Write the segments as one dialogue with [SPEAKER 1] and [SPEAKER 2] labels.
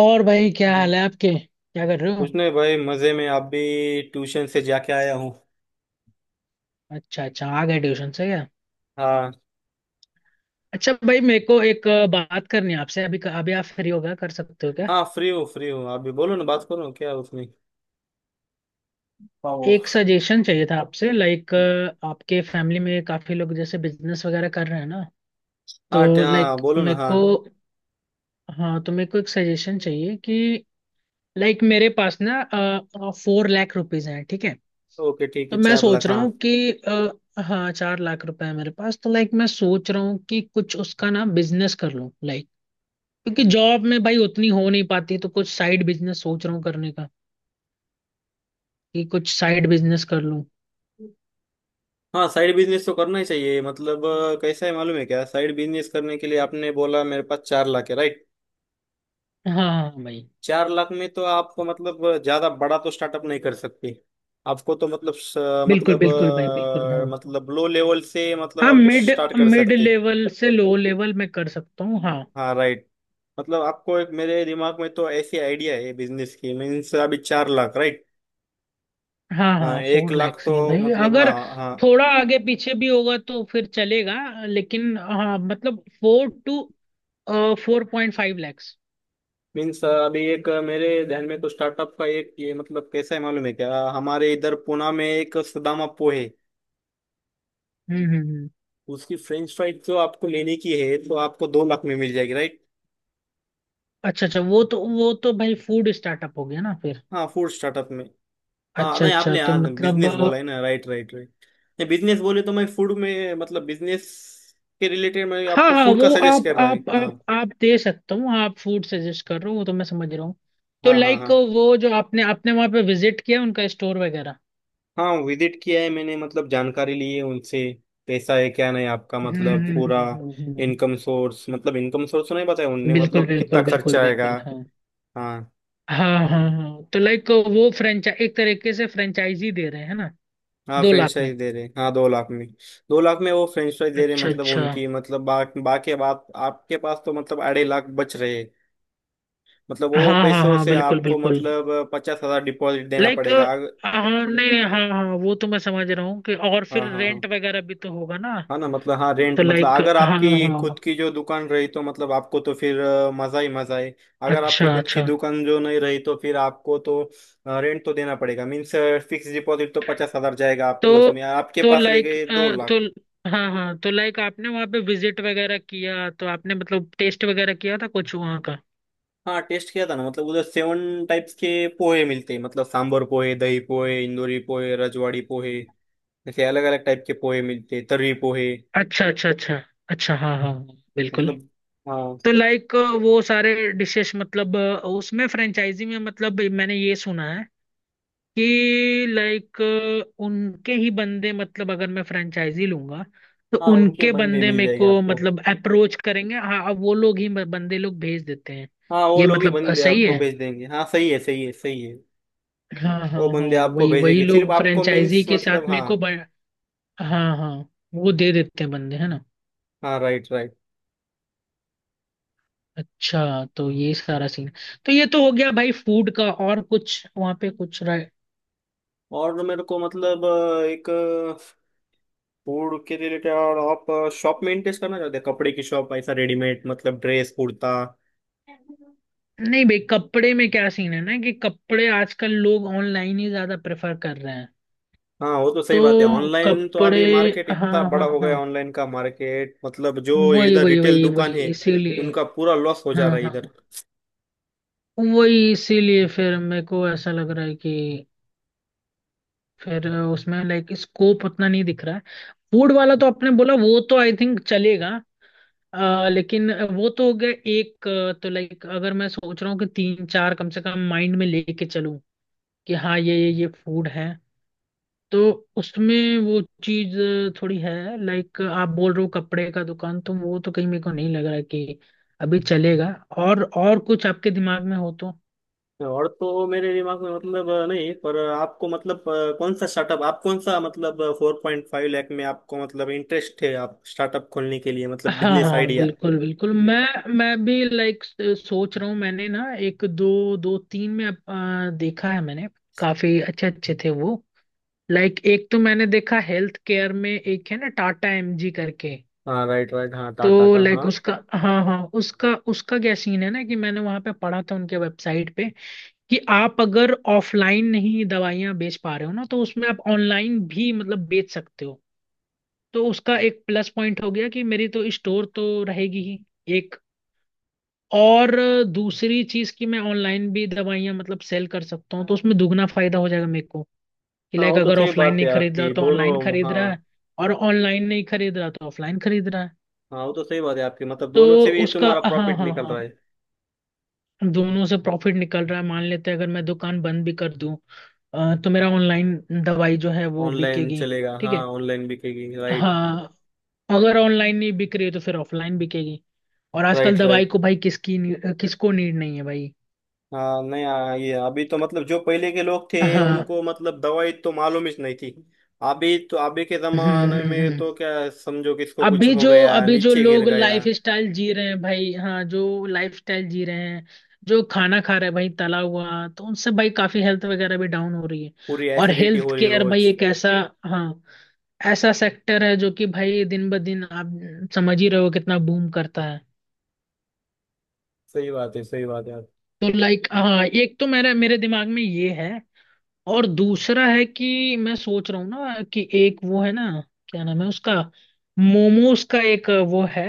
[SPEAKER 1] और भाई, क्या
[SPEAKER 2] कुछ
[SPEAKER 1] हाल है आपके? क्या कर रहे हो?
[SPEAKER 2] नहीं भाई, मजे में। आप भी ट्यूशन से जाके आया हूँ।
[SPEAKER 1] अच्छा अच्छा, आ गए ट्यूशन से क्या?
[SPEAKER 2] हाँ।
[SPEAKER 1] अच्छा भाई, मेरे को एक बात करनी है आपसे। अभी अभी आप फ्री हो? गया कर सकते हो क्या?
[SPEAKER 2] हाँ, फ्री हूँ, फ्री हूँ। आप भी बोलो ना, बात करो ना, क्या है उसमें? पाओ।
[SPEAKER 1] एक सजेशन चाहिए था आपसे लाइक। आपके फैमिली में काफी लोग जैसे बिजनेस वगैरह कर रहे हैं ना। तो
[SPEAKER 2] हाँ,
[SPEAKER 1] लाइक
[SPEAKER 2] बोलो ना।
[SPEAKER 1] मेरे
[SPEAKER 2] हाँ।
[SPEAKER 1] को, हाँ, तो मेरे को एक सजेशन चाहिए कि लाइक मेरे पास ना 4 लाख रुपीज हैं, ठीक है।
[SPEAKER 2] ओके, ठीक
[SPEAKER 1] तो
[SPEAKER 2] है,
[SPEAKER 1] मैं
[SPEAKER 2] चार
[SPEAKER 1] सोच
[SPEAKER 2] लाख
[SPEAKER 1] रहा हूँ
[SPEAKER 2] हाँ।
[SPEAKER 1] कि हाँ, 4 लाख रुपए है मेरे पास, तो लाइक मैं सोच रहा हूँ कि कुछ उसका ना बिजनेस कर लूँ लाइक। क्योंकि जॉब में भाई उतनी हो नहीं पाती, तो कुछ साइड बिजनेस सोच रहा हूँ करने का, कि कुछ साइड बिजनेस कर लूँ।
[SPEAKER 2] हाँ, साइड बिजनेस तो करना ही चाहिए। मतलब कैसा है मालूम है क्या? साइड बिजनेस करने के लिए आपने बोला मेरे पास 4 लाख है, राइट?
[SPEAKER 1] हाँ हाँ हाँ, भाई।
[SPEAKER 2] चार लाख में तो आप मतलब ज्यादा बड़ा तो स्टार्टअप नहीं कर सकते। आपको तो मतलब
[SPEAKER 1] बिल्कुल
[SPEAKER 2] मतलब
[SPEAKER 1] बिल्कुल भाई, बिल्कुल हाँ।
[SPEAKER 2] मतलब लो लेवल से मतलब
[SPEAKER 1] हाँ
[SPEAKER 2] आप
[SPEAKER 1] मिड
[SPEAKER 2] स्टार्ट कर
[SPEAKER 1] मिड
[SPEAKER 2] सकते।
[SPEAKER 1] लेवल से लो लेवल में कर सकता हूँ, हाँ।
[SPEAKER 2] हाँ, राइट। मतलब आपको एक मेरे दिमाग में तो ऐसी आइडिया है बिजनेस की। मीन्स अभी 4 लाख, राइट?
[SPEAKER 1] हाँ
[SPEAKER 2] हाँ,
[SPEAKER 1] हाँ,
[SPEAKER 2] एक
[SPEAKER 1] फोर
[SPEAKER 2] लाख
[SPEAKER 1] लैक्स ही हैं
[SPEAKER 2] तो
[SPEAKER 1] भाई,
[SPEAKER 2] मतलब, हाँ
[SPEAKER 1] अगर
[SPEAKER 2] हाँ।
[SPEAKER 1] थोड़ा आगे पीछे भी होगा तो फिर चलेगा, लेकिन हाँ, मतलब 4 to 4.5 लैक्स।
[SPEAKER 2] मीन्स अभी एक मेरे ध्यान में तो स्टार्टअप का एक ये मतलब कैसा है मालूम है क्या? हमारे इधर पुणे में एक सुदामा पो है।
[SPEAKER 1] हम्म हम्म हम्म।
[SPEAKER 2] उसकी फ्रेंच फ्राइज जो आपको लेने की है, तो आपको 2 लाख में मिल जाएगी, राइट।
[SPEAKER 1] अच्छा अच्छा, वो तो भाई फूड स्टार्टअप हो गया ना फिर।
[SPEAKER 2] हाँ, फूड स्टार्टअप में। हाँ
[SPEAKER 1] अच्छा
[SPEAKER 2] नहीं,
[SPEAKER 1] अच्छा,
[SPEAKER 2] आपने
[SPEAKER 1] तो
[SPEAKER 2] हाँ
[SPEAKER 1] मतलब
[SPEAKER 2] बिजनेस बोला है ना? Right right right. नहीं, बिजनेस बोले तो मैं फूड में, मतलब बिजनेस के रिलेटेड मैं
[SPEAKER 1] हाँ
[SPEAKER 2] आपको
[SPEAKER 1] हाँ,
[SPEAKER 2] फूड का
[SPEAKER 1] वो
[SPEAKER 2] सजेस्ट
[SPEAKER 1] आप
[SPEAKER 2] कर रहा है।
[SPEAKER 1] आप
[SPEAKER 2] हाँ
[SPEAKER 1] आप आप दे सकता हूँ। आप फूड सजेस्ट कर रहे हो, वो तो मैं समझ रहा हूँ। तो
[SPEAKER 2] हाँ हाँ
[SPEAKER 1] लाइक
[SPEAKER 2] हाँ।
[SPEAKER 1] वो जो आपने आपने वहां पे विजिट किया, उनका स्टोर वगैरह।
[SPEAKER 2] हाँ, विजिट किया है मैंने, मतलब जानकारी ली है उनसे। कैसा है क्या, नहीं आपका
[SPEAKER 1] हम्म
[SPEAKER 2] मतलब
[SPEAKER 1] हम्म
[SPEAKER 2] पूरा
[SPEAKER 1] हम्म, हम्म, हम्म, हम्म।
[SPEAKER 2] इनकम सोर्स, मतलब इनकम सोर्स तो नहीं बताया उनने,
[SPEAKER 1] बिल्कुल
[SPEAKER 2] मतलब कितना
[SPEAKER 1] बिल्कुल बिल्कुल
[SPEAKER 2] खर्चा आएगा।
[SPEAKER 1] बिल्कुल, हाँ।
[SPEAKER 2] हाँ।
[SPEAKER 1] हाँ हाँ हाँ हाँ। तो लाइक वो फ्रेंचाइज एक तरीके से फ्रेंचाइजी दे रहे हैं ना।
[SPEAKER 2] हाँ,
[SPEAKER 1] 2 लाख में।
[SPEAKER 2] फ्रेंचाइज दे रहे, हाँ, 2 लाख में। दो लाख में वो फ्रेंचाइज दे रहे,
[SPEAKER 1] अच्छा
[SPEAKER 2] मतलब
[SPEAKER 1] अच्छा।
[SPEAKER 2] उनकी मतलब बाकी बात, आपके पास तो मतलब 2.5 लाख बच रहे। मतलब वो
[SPEAKER 1] हाँ हाँ
[SPEAKER 2] पैसों
[SPEAKER 1] हाँ,
[SPEAKER 2] से
[SPEAKER 1] बिल्कुल
[SPEAKER 2] आपको
[SPEAKER 1] बिल्कुल
[SPEAKER 2] मतलब 50 हजार डिपॉजिट देना
[SPEAKER 1] लाइक।
[SPEAKER 2] पड़ेगा।
[SPEAKER 1] हाँ नहीं नहीं, हाँ हाँ, वो तो मैं समझ रहा हूँ कि, और
[SPEAKER 2] हाँ
[SPEAKER 1] फिर
[SPEAKER 2] हाँ हाँ।
[SPEAKER 1] रेंट वगैरह भी तो होगा ना।
[SPEAKER 2] हाँ ना, मतलब हाँ, रेंट
[SPEAKER 1] तो
[SPEAKER 2] मतलब
[SPEAKER 1] लाइक,
[SPEAKER 2] अगर
[SPEAKER 1] हाँ
[SPEAKER 2] आपकी खुद
[SPEAKER 1] हाँ।
[SPEAKER 2] की जो दुकान रही, तो मतलब आपको तो फिर मजा ही मजा है। अगर
[SPEAKER 1] अच्छा
[SPEAKER 2] आपकी खुद की
[SPEAKER 1] अच्छा,
[SPEAKER 2] दुकान जो नहीं रही, तो फिर आपको तो रेंट तो देना पड़ेगा। मीन्स फिक्स डिपॉजिट तो 50 हजार जाएगा आपके,
[SPEAKER 1] तो
[SPEAKER 2] उसमें आपके
[SPEAKER 1] तो
[SPEAKER 2] पास रह
[SPEAKER 1] लाइक
[SPEAKER 2] गए दो
[SPEAKER 1] तो।
[SPEAKER 2] लाख
[SPEAKER 1] हाँ हाँ, तो लाइक आपने वहाँ पे विजिट वगैरह किया, तो आपने मतलब टेस्ट वगैरह किया था कुछ वहाँ का?
[SPEAKER 2] हाँ, टेस्ट किया था ना, मतलब उधर 7 टाइप्स के पोहे मिलते हैं, मतलब सांभर पोहे, दही पोहे, इंदूरी पोहे, रजवाड़ी पोहे, ऐसे अलग अलग टाइप के पोहे मिलते हैं, तर्री पोहे।
[SPEAKER 1] अच्छा अच्छा अच्छा। अच्छा हाँ हाँ हाँ, बिल्कुल।
[SPEAKER 2] मतलब, हाँ।
[SPEAKER 1] तो लाइक वो सारे डिशेस, मतलब उसमें फ्रेंचाइजी में, मतलब मैंने ये सुना है कि लाइक उनके ही बंदे, मतलब अगर मैं फ्रेंचाइजी लूंगा तो
[SPEAKER 2] हाँ, उनके
[SPEAKER 1] उनके
[SPEAKER 2] बंदे
[SPEAKER 1] बंदे
[SPEAKER 2] मिल
[SPEAKER 1] मेरे
[SPEAKER 2] जाएंगे
[SPEAKER 1] को
[SPEAKER 2] आपको।
[SPEAKER 1] मतलब अप्रोच करेंगे। हाँ, अब वो लोग ही बंदे लोग भेज देते हैं।
[SPEAKER 2] हाँ, वो
[SPEAKER 1] ये
[SPEAKER 2] लोग ही
[SPEAKER 1] मतलब
[SPEAKER 2] बंदे
[SPEAKER 1] सही
[SPEAKER 2] आपको
[SPEAKER 1] है।
[SPEAKER 2] भेज देंगे। हाँ, सही है सही है सही है।
[SPEAKER 1] हाँ हाँ
[SPEAKER 2] वो
[SPEAKER 1] हाँ,
[SPEAKER 2] बंदे आपको
[SPEAKER 1] वही वही
[SPEAKER 2] भेजेंगे, सिर्फ
[SPEAKER 1] लोग
[SPEAKER 2] आपको,
[SPEAKER 1] फ्रेंचाइजी
[SPEAKER 2] मीन्स
[SPEAKER 1] के साथ
[SPEAKER 2] मतलब
[SPEAKER 1] मेरे
[SPEAKER 2] हाँ।
[SPEAKER 1] को हाँ हाँ, वो दे देते हैं बंदे, है ना?
[SPEAKER 2] हाँ, राइट राइट।
[SPEAKER 1] अच्छा, तो ये सारा सीन, तो ये तो हो गया भाई फूड का। और कुछ वहाँ पे? कुछ?
[SPEAKER 2] और मेरे को मतलब एक फूड के रिलेटेड, और आप शॉप मेंटेन करना चाहते हैं, कपड़े की शॉप, ऐसा रेडीमेड, मतलब ड्रेस कुर्ता।
[SPEAKER 1] नहीं भाई, कपड़े में क्या सीन है ना कि कपड़े आजकल लोग ऑनलाइन ही ज्यादा प्रेफर कर रहे हैं।
[SPEAKER 2] हाँ, वो तो सही बात है,
[SPEAKER 1] तो
[SPEAKER 2] ऑनलाइन तो
[SPEAKER 1] कपड़े,
[SPEAKER 2] अभी मार्केट इतना
[SPEAKER 1] हाँ हाँ
[SPEAKER 2] बड़ा हो गया,
[SPEAKER 1] हाँ,
[SPEAKER 2] ऑनलाइन का मार्केट, मतलब जो
[SPEAKER 1] वही
[SPEAKER 2] इधर
[SPEAKER 1] वही
[SPEAKER 2] रिटेल
[SPEAKER 1] वही वही
[SPEAKER 2] दुकान है,
[SPEAKER 1] इसीलिए।
[SPEAKER 2] उनका पूरा लॉस हो जा रहा
[SPEAKER 1] हाँ
[SPEAKER 2] है
[SPEAKER 1] हाँ,
[SPEAKER 2] इधर।
[SPEAKER 1] वही इसीलिए फिर मेरे को ऐसा लग रहा है कि फिर उसमें लाइक स्कोप उतना नहीं दिख रहा है। फूड वाला तो आपने बोला, वो तो आई थिंक चलेगा। लेकिन वो तो हो गया एक। तो लाइक अगर मैं सोच रहा हूँ कि तीन चार कम से कम माइंड में लेके चलूं, कि हाँ, ये फूड है, तो उसमें वो चीज थोड़ी है। लाइक आप बोल रहे हो कपड़े का दुकान, तो वो तो कहीं मेरे को नहीं लग रहा है कि अभी चलेगा। और कुछ आपके दिमाग में हो तो?
[SPEAKER 2] और तो मेरे दिमाग में मतलब नहीं, पर आपको मतलब कौन सा स्टार्टअप, आप कौन सा मतलब 4.5 लाख में आपको मतलब इंटरेस्ट है? आप स्टार्टअप खोलने के लिए, मतलब
[SPEAKER 1] हाँ
[SPEAKER 2] बिजनेस
[SPEAKER 1] हाँ,
[SPEAKER 2] आइडिया।
[SPEAKER 1] बिल्कुल बिल्कुल। मैं भी लाइक सोच रहा हूँ, मैंने ना एक दो दो तीन में देखा है मैंने, काफी अच्छे अच्छे थे वो। लाइक एक तो मैंने देखा हेल्थ केयर में एक है ना टाटा एमजी करके।
[SPEAKER 2] हाँ, राइट राइट, हाँ,
[SPEAKER 1] तो
[SPEAKER 2] टाटा का,
[SPEAKER 1] लाइक
[SPEAKER 2] हाँ।
[SPEAKER 1] उसका, हाँ हाँ, उसका उसका क्या सीन है ना कि मैंने वहां पे पढ़ा था उनके वेबसाइट पे कि आप अगर ऑफलाइन नहीं दवाइयां बेच पा रहे हो ना, तो उसमें आप ऑनलाइन भी मतलब बेच सकते हो। तो उसका एक प्लस पॉइंट हो गया, कि मेरी तो स्टोर तो रहेगी ही एक, और दूसरी चीज कि मैं ऑनलाइन भी दवाइयां मतलब सेल कर सकता हूँ, तो उसमें दुगना फायदा हो जाएगा मेरे को। कि
[SPEAKER 2] हाँ,
[SPEAKER 1] लाइक
[SPEAKER 2] वो तो
[SPEAKER 1] अगर
[SPEAKER 2] सही
[SPEAKER 1] ऑफलाइन
[SPEAKER 2] बात
[SPEAKER 1] नहीं
[SPEAKER 2] है
[SPEAKER 1] खरीद रहा
[SPEAKER 2] आपकी,
[SPEAKER 1] तो ऑनलाइन
[SPEAKER 2] दोनों।
[SPEAKER 1] खरीद रहा
[SPEAKER 2] हाँ।
[SPEAKER 1] है, और ऑनलाइन नहीं खरीद रहा तो ऑफलाइन खरीद रहा है।
[SPEAKER 2] हाँ, वो तो सही बात है आपकी, मतलब
[SPEAKER 1] तो
[SPEAKER 2] दोनों से भी
[SPEAKER 1] उसका,
[SPEAKER 2] तुम्हारा
[SPEAKER 1] हाँ
[SPEAKER 2] प्रॉफिट
[SPEAKER 1] हाँ
[SPEAKER 2] निकल
[SPEAKER 1] हाँ,
[SPEAKER 2] रहा है।
[SPEAKER 1] दोनों से प्रॉफिट निकल रहा है। मान लेते हैं अगर मैं दुकान बंद भी कर दूं, तो मेरा ऑनलाइन दवाई जो है वो
[SPEAKER 2] ऑनलाइन
[SPEAKER 1] बिकेगी।
[SPEAKER 2] चलेगा,
[SPEAKER 1] ठीक
[SPEAKER 2] हाँ,
[SPEAKER 1] है,
[SPEAKER 2] ऑनलाइन बिकेगी, राइट।
[SPEAKER 1] हाँ। अगर ऑनलाइन नहीं बिक रही है तो फिर ऑफलाइन बिकेगी। और आजकल
[SPEAKER 2] राइट
[SPEAKER 1] दवाई
[SPEAKER 2] राइट।
[SPEAKER 1] को भाई किसको नीड नहीं है भाई,
[SPEAKER 2] हाँ नहीं, हाँ, ये अभी तो मतलब जो पहले के लोग थे
[SPEAKER 1] हाँ।
[SPEAKER 2] उनको मतलब दवाई तो मालूम ही नहीं थी। अभी तो अभी के
[SPEAKER 1] हम्म
[SPEAKER 2] जमाने
[SPEAKER 1] हम्म
[SPEAKER 2] में
[SPEAKER 1] हम्म।
[SPEAKER 2] तो क्या समझो, किसको कुछ
[SPEAKER 1] अभी
[SPEAKER 2] हो
[SPEAKER 1] जो
[SPEAKER 2] गया,
[SPEAKER 1] अभी जो
[SPEAKER 2] नीचे गिर
[SPEAKER 1] लोग
[SPEAKER 2] गया।
[SPEAKER 1] लाइफ स्टाइल जी रहे हैं भाई, हाँ, जो लाइफ स्टाइल जी रहे हैं, जो खाना खा रहे हैं भाई तला हुआ, तो उनसे भाई काफी हेल्थ वगैरह भी डाउन हो रही है।
[SPEAKER 2] पूरी
[SPEAKER 1] और
[SPEAKER 2] एसिडिटी
[SPEAKER 1] हेल्थ
[SPEAKER 2] हो रही
[SPEAKER 1] केयर भाई
[SPEAKER 2] रोज।
[SPEAKER 1] एक ऐसा, हाँ, ऐसा सेक्टर है जो कि भाई दिन ब दिन, आप समझ ही रहे हो कितना बूम करता है।
[SPEAKER 2] सही बात है सही बात है।
[SPEAKER 1] तो लाइक, हाँ, एक तो मेरा मेरे दिमाग में ये है, और दूसरा है कि मैं सोच रहा हूँ ना कि एक वो है ना, क्या नाम है उसका, मोमोज का एक वो है,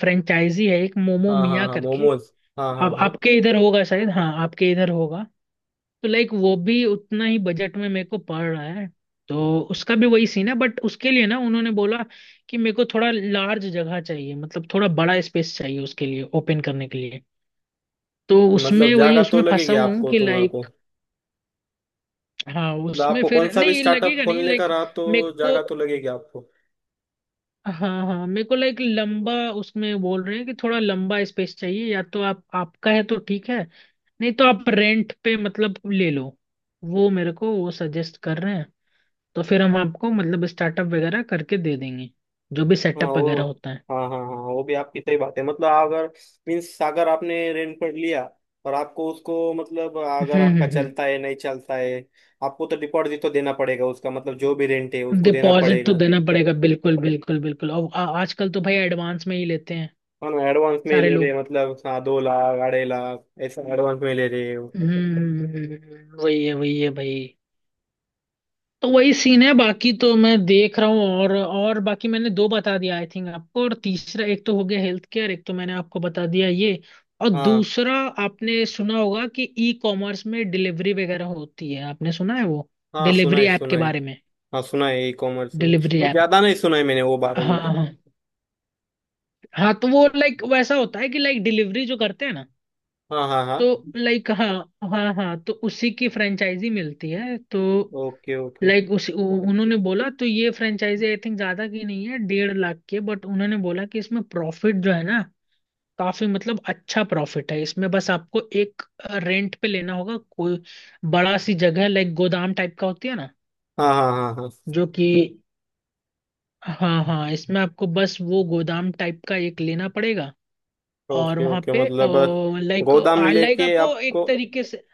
[SPEAKER 1] फ्रेंचाइजी है एक मोमो
[SPEAKER 2] हाँ हाँ
[SPEAKER 1] मिया
[SPEAKER 2] हाँ,
[SPEAKER 1] करके।
[SPEAKER 2] मोमोज। हाँ हाँ
[SPEAKER 1] अब
[SPEAKER 2] हाँ।
[SPEAKER 1] आपके इधर होगा शायद, हाँ, आपके इधर होगा। तो लाइक वो भी उतना ही बजट में मेरे को पड़ रहा है, तो उसका भी वही सीन है। बट उसके लिए ना उन्होंने बोला कि मेरे को थोड़ा लार्ज जगह चाहिए, मतलब थोड़ा बड़ा स्पेस चाहिए उसके लिए ओपन करने के लिए। तो
[SPEAKER 2] मतलब
[SPEAKER 1] उसमें वही,
[SPEAKER 2] जागा तो
[SPEAKER 1] उसमें
[SPEAKER 2] लगेगी
[SPEAKER 1] फंसा हुआ हूँ
[SPEAKER 2] आपको,
[SPEAKER 1] कि
[SPEAKER 2] तुम्हारे को।
[SPEAKER 1] लाइक, हाँ,
[SPEAKER 2] मतलब
[SPEAKER 1] उसमें
[SPEAKER 2] आपको कौन
[SPEAKER 1] फिर
[SPEAKER 2] सा भी
[SPEAKER 1] नहीं
[SPEAKER 2] स्टार्टअप
[SPEAKER 1] लगेगा, नहीं
[SPEAKER 2] खोलने का
[SPEAKER 1] लाइक
[SPEAKER 2] रहा, तो
[SPEAKER 1] मेरे को।
[SPEAKER 2] जागा तो लगेगी आपको।
[SPEAKER 1] हाँ हाँ, मेरे को लाइक लंबा, उसमें बोल रहे हैं कि थोड़ा लंबा स्पेस चाहिए, या तो आप आपका है तो ठीक है, नहीं तो आप रेंट पे मतलब ले लो, वो मेरे को वो सजेस्ट कर रहे हैं, तो फिर हम आपको मतलब स्टार्टअप वगैरह करके दे देंगे, जो भी
[SPEAKER 2] हाँ,
[SPEAKER 1] सेटअप
[SPEAKER 2] वो,
[SPEAKER 1] वगैरह होता है।
[SPEAKER 2] हाँ हाँ हाँ, वो भी आपकी सही बात है, मतलब अगर मीन्स, अगर आपने रेनकोट लिया, और आपको उसको, मतलब अगर आपका
[SPEAKER 1] हम्म।
[SPEAKER 2] चलता है नहीं चलता है, आपको तो डिपॉजिट तो देना पड़ेगा उसका, मतलब जो भी रेंट है उसको देना
[SPEAKER 1] डिपॉजिट तो
[SPEAKER 2] पड़ेगा।
[SPEAKER 1] देना पड़ेगा, बिल्कुल बिल्कुल बिल्कुल, और आजकल तो भाई एडवांस में ही लेते हैं
[SPEAKER 2] है ना, एडवांस में ही
[SPEAKER 1] सारे
[SPEAKER 2] ले रहे
[SPEAKER 1] लोग।
[SPEAKER 2] हैं, मतलब हाँ, 2 लाख 2.5 लाख ऐसा एडवांस में ले रहे हो।
[SPEAKER 1] हम्म। वही है भाई, तो वही सीन है। बाकी तो मैं देख रहा हूँ, और बाकी मैंने दो बता दिया आई थिंक आपको। और तीसरा, एक तो हो गया हेल्थ केयर, एक तो मैंने आपको बता दिया ये, और
[SPEAKER 2] हाँ
[SPEAKER 1] दूसरा, आपने सुना होगा कि ई कॉमर्स में डिलीवरी वगैरह होती है? आपने सुना है वो
[SPEAKER 2] हाँ, सुना
[SPEAKER 1] डिलीवरी
[SPEAKER 2] है
[SPEAKER 1] ऐप
[SPEAKER 2] सुना
[SPEAKER 1] के
[SPEAKER 2] है।
[SPEAKER 1] बारे में?
[SPEAKER 2] हाँ, सुना है ई कॉमर्स में,
[SPEAKER 1] डिलीवरी
[SPEAKER 2] पर
[SPEAKER 1] ऐप,
[SPEAKER 2] ज्यादा नहीं सुना है मैंने वो बारे में।
[SPEAKER 1] हाँ हाँ हाँ। तो वो लाइक वैसा होता है कि लाइक डिलीवरी जो करते हैं ना,
[SPEAKER 2] हाँ हाँ हाँ।
[SPEAKER 1] तो लाइक, हाँ हाँ हाँ, तो उसी की फ्रेंचाइजी मिलती है। तो
[SPEAKER 2] ओके ओके।
[SPEAKER 1] लाइक उन्होंने बोला तो ये फ्रेंचाइजी आई थिंक ज्यादा की नहीं है, 1.5 लाख की है। बट उन्होंने बोला कि इसमें प्रॉफिट जो है ना काफी, मतलब अच्छा प्रॉफिट है इसमें, बस आपको एक रेंट पे लेना होगा कोई बड़ा सी जगह, लाइक गोदाम टाइप का होती है ना,
[SPEAKER 2] हाँ हाँ हाँ हाँ।
[SPEAKER 1] जो कि, हाँ हाँ, इसमें आपको बस वो गोदाम टाइप का एक लेना पड़ेगा। और
[SPEAKER 2] ओके
[SPEAKER 1] वहां
[SPEAKER 2] ओके,
[SPEAKER 1] पे
[SPEAKER 2] मतलब
[SPEAKER 1] लाइक
[SPEAKER 2] गोदाम
[SPEAKER 1] लाइक
[SPEAKER 2] लेके
[SPEAKER 1] आपको
[SPEAKER 2] आपको।
[SPEAKER 1] एक तरीके से,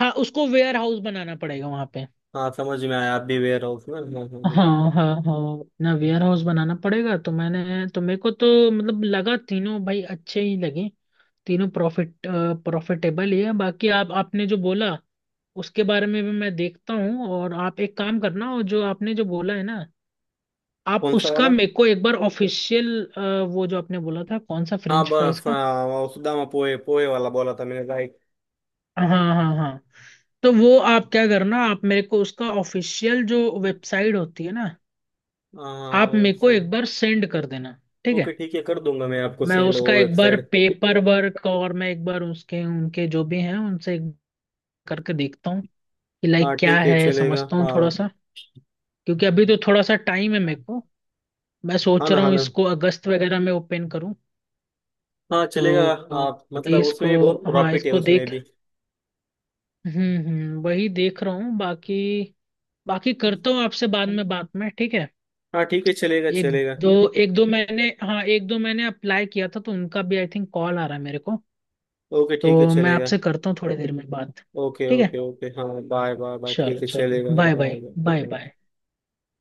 [SPEAKER 1] हाँ, उसको वेयर हाउस बनाना पड़ेगा वहां पे।
[SPEAKER 2] हाँ, समझ में आया, आप भी वेयर हाउस में।
[SPEAKER 1] हाँ हाँ हाँ, अपना वेयर हाउस बनाना पड़ेगा। तो मैंने तो, मेरे को तो मतलब लगा तीनों भाई अच्छे ही लगे, तीनों प्रॉफिटेबल ही है। बाकी आप आपने जो बोला, उसके बारे में भी मैं देखता हूँ। और आप एक काम करना, और जो आपने जो बोला है ना, आप
[SPEAKER 2] कौन सा
[SPEAKER 1] उसका
[SPEAKER 2] वाला?
[SPEAKER 1] मेरे को एक बार ऑफिशियल, वो जो आपने बोला था, कौन सा?
[SPEAKER 2] हाँ
[SPEAKER 1] फ्रेंच फ्राइज
[SPEAKER 2] बस,
[SPEAKER 1] का?
[SPEAKER 2] हाँ, वो सुदामा पोहे पोहे वाला बोला था मैंने, राइट।
[SPEAKER 1] हाँ हाँ हाँ हाँ। तो वो आप क्या करना, आप मेरे को उसका ऑफिशियल जो वेबसाइट होती है ना,
[SPEAKER 2] हाँ,
[SPEAKER 1] आप मेरे को
[SPEAKER 2] वेबसाइट।
[SPEAKER 1] एक बार सेंड कर देना, ठीक
[SPEAKER 2] ओके,
[SPEAKER 1] है?
[SPEAKER 2] ठीक है, कर दूंगा मैं आपको
[SPEAKER 1] मैं
[SPEAKER 2] सेंड
[SPEAKER 1] उसका
[SPEAKER 2] वो
[SPEAKER 1] एक बार
[SPEAKER 2] वेबसाइट।
[SPEAKER 1] पेपर वर्क, और मैं एक बार उसके उनके जो भी हैं उनसे एक करके देखता हूँ कि लाइक
[SPEAKER 2] हाँ,
[SPEAKER 1] क्या
[SPEAKER 2] ठीक है,
[SPEAKER 1] है,
[SPEAKER 2] चलेगा,
[SPEAKER 1] समझता हूँ थोड़ा
[SPEAKER 2] हाँ।
[SPEAKER 1] सा। क्योंकि अभी तो थोड़ा सा टाइम है मेरे को, मैं
[SPEAKER 2] हाँ
[SPEAKER 1] सोच
[SPEAKER 2] ना,
[SPEAKER 1] रहा
[SPEAKER 2] हाँ
[SPEAKER 1] हूँ
[SPEAKER 2] ना।
[SPEAKER 1] इसको अगस्त वगैरह में ओपन करूँ।
[SPEAKER 2] हाँ, चलेगा,
[SPEAKER 1] तो
[SPEAKER 2] आप
[SPEAKER 1] अभी
[SPEAKER 2] मतलब
[SPEAKER 1] इसको,
[SPEAKER 2] उसमें बहुत
[SPEAKER 1] हाँ,
[SPEAKER 2] प्रॉफिट है
[SPEAKER 1] इसको
[SPEAKER 2] उसमें
[SPEAKER 1] देख,
[SPEAKER 2] भी।
[SPEAKER 1] हम्म, वही देख रहा हूँ। बाकी बाकी करता हूँ आपसे बाद में बात में, ठीक है?
[SPEAKER 2] हाँ, ठीक है, चलेगा
[SPEAKER 1] एक
[SPEAKER 2] चलेगा।
[SPEAKER 1] दो एक दो मैंने, हाँ, एक दो मैंने अप्लाई किया था तो उनका भी आई थिंक कॉल आ रहा है मेरे को।
[SPEAKER 2] ओके, ठीक है,
[SPEAKER 1] तो मैं
[SPEAKER 2] चलेगा।
[SPEAKER 1] आपसे करता हूँ थोड़ी देर में बात।
[SPEAKER 2] ओके
[SPEAKER 1] ठीक है,
[SPEAKER 2] ओके ओके, हाँ, बाय बाय बाय, ठीक
[SPEAKER 1] चलो
[SPEAKER 2] है,
[SPEAKER 1] चलो,
[SPEAKER 2] चलेगा,
[SPEAKER 1] bye bye
[SPEAKER 2] bye
[SPEAKER 1] bye
[SPEAKER 2] bye.
[SPEAKER 1] Bye.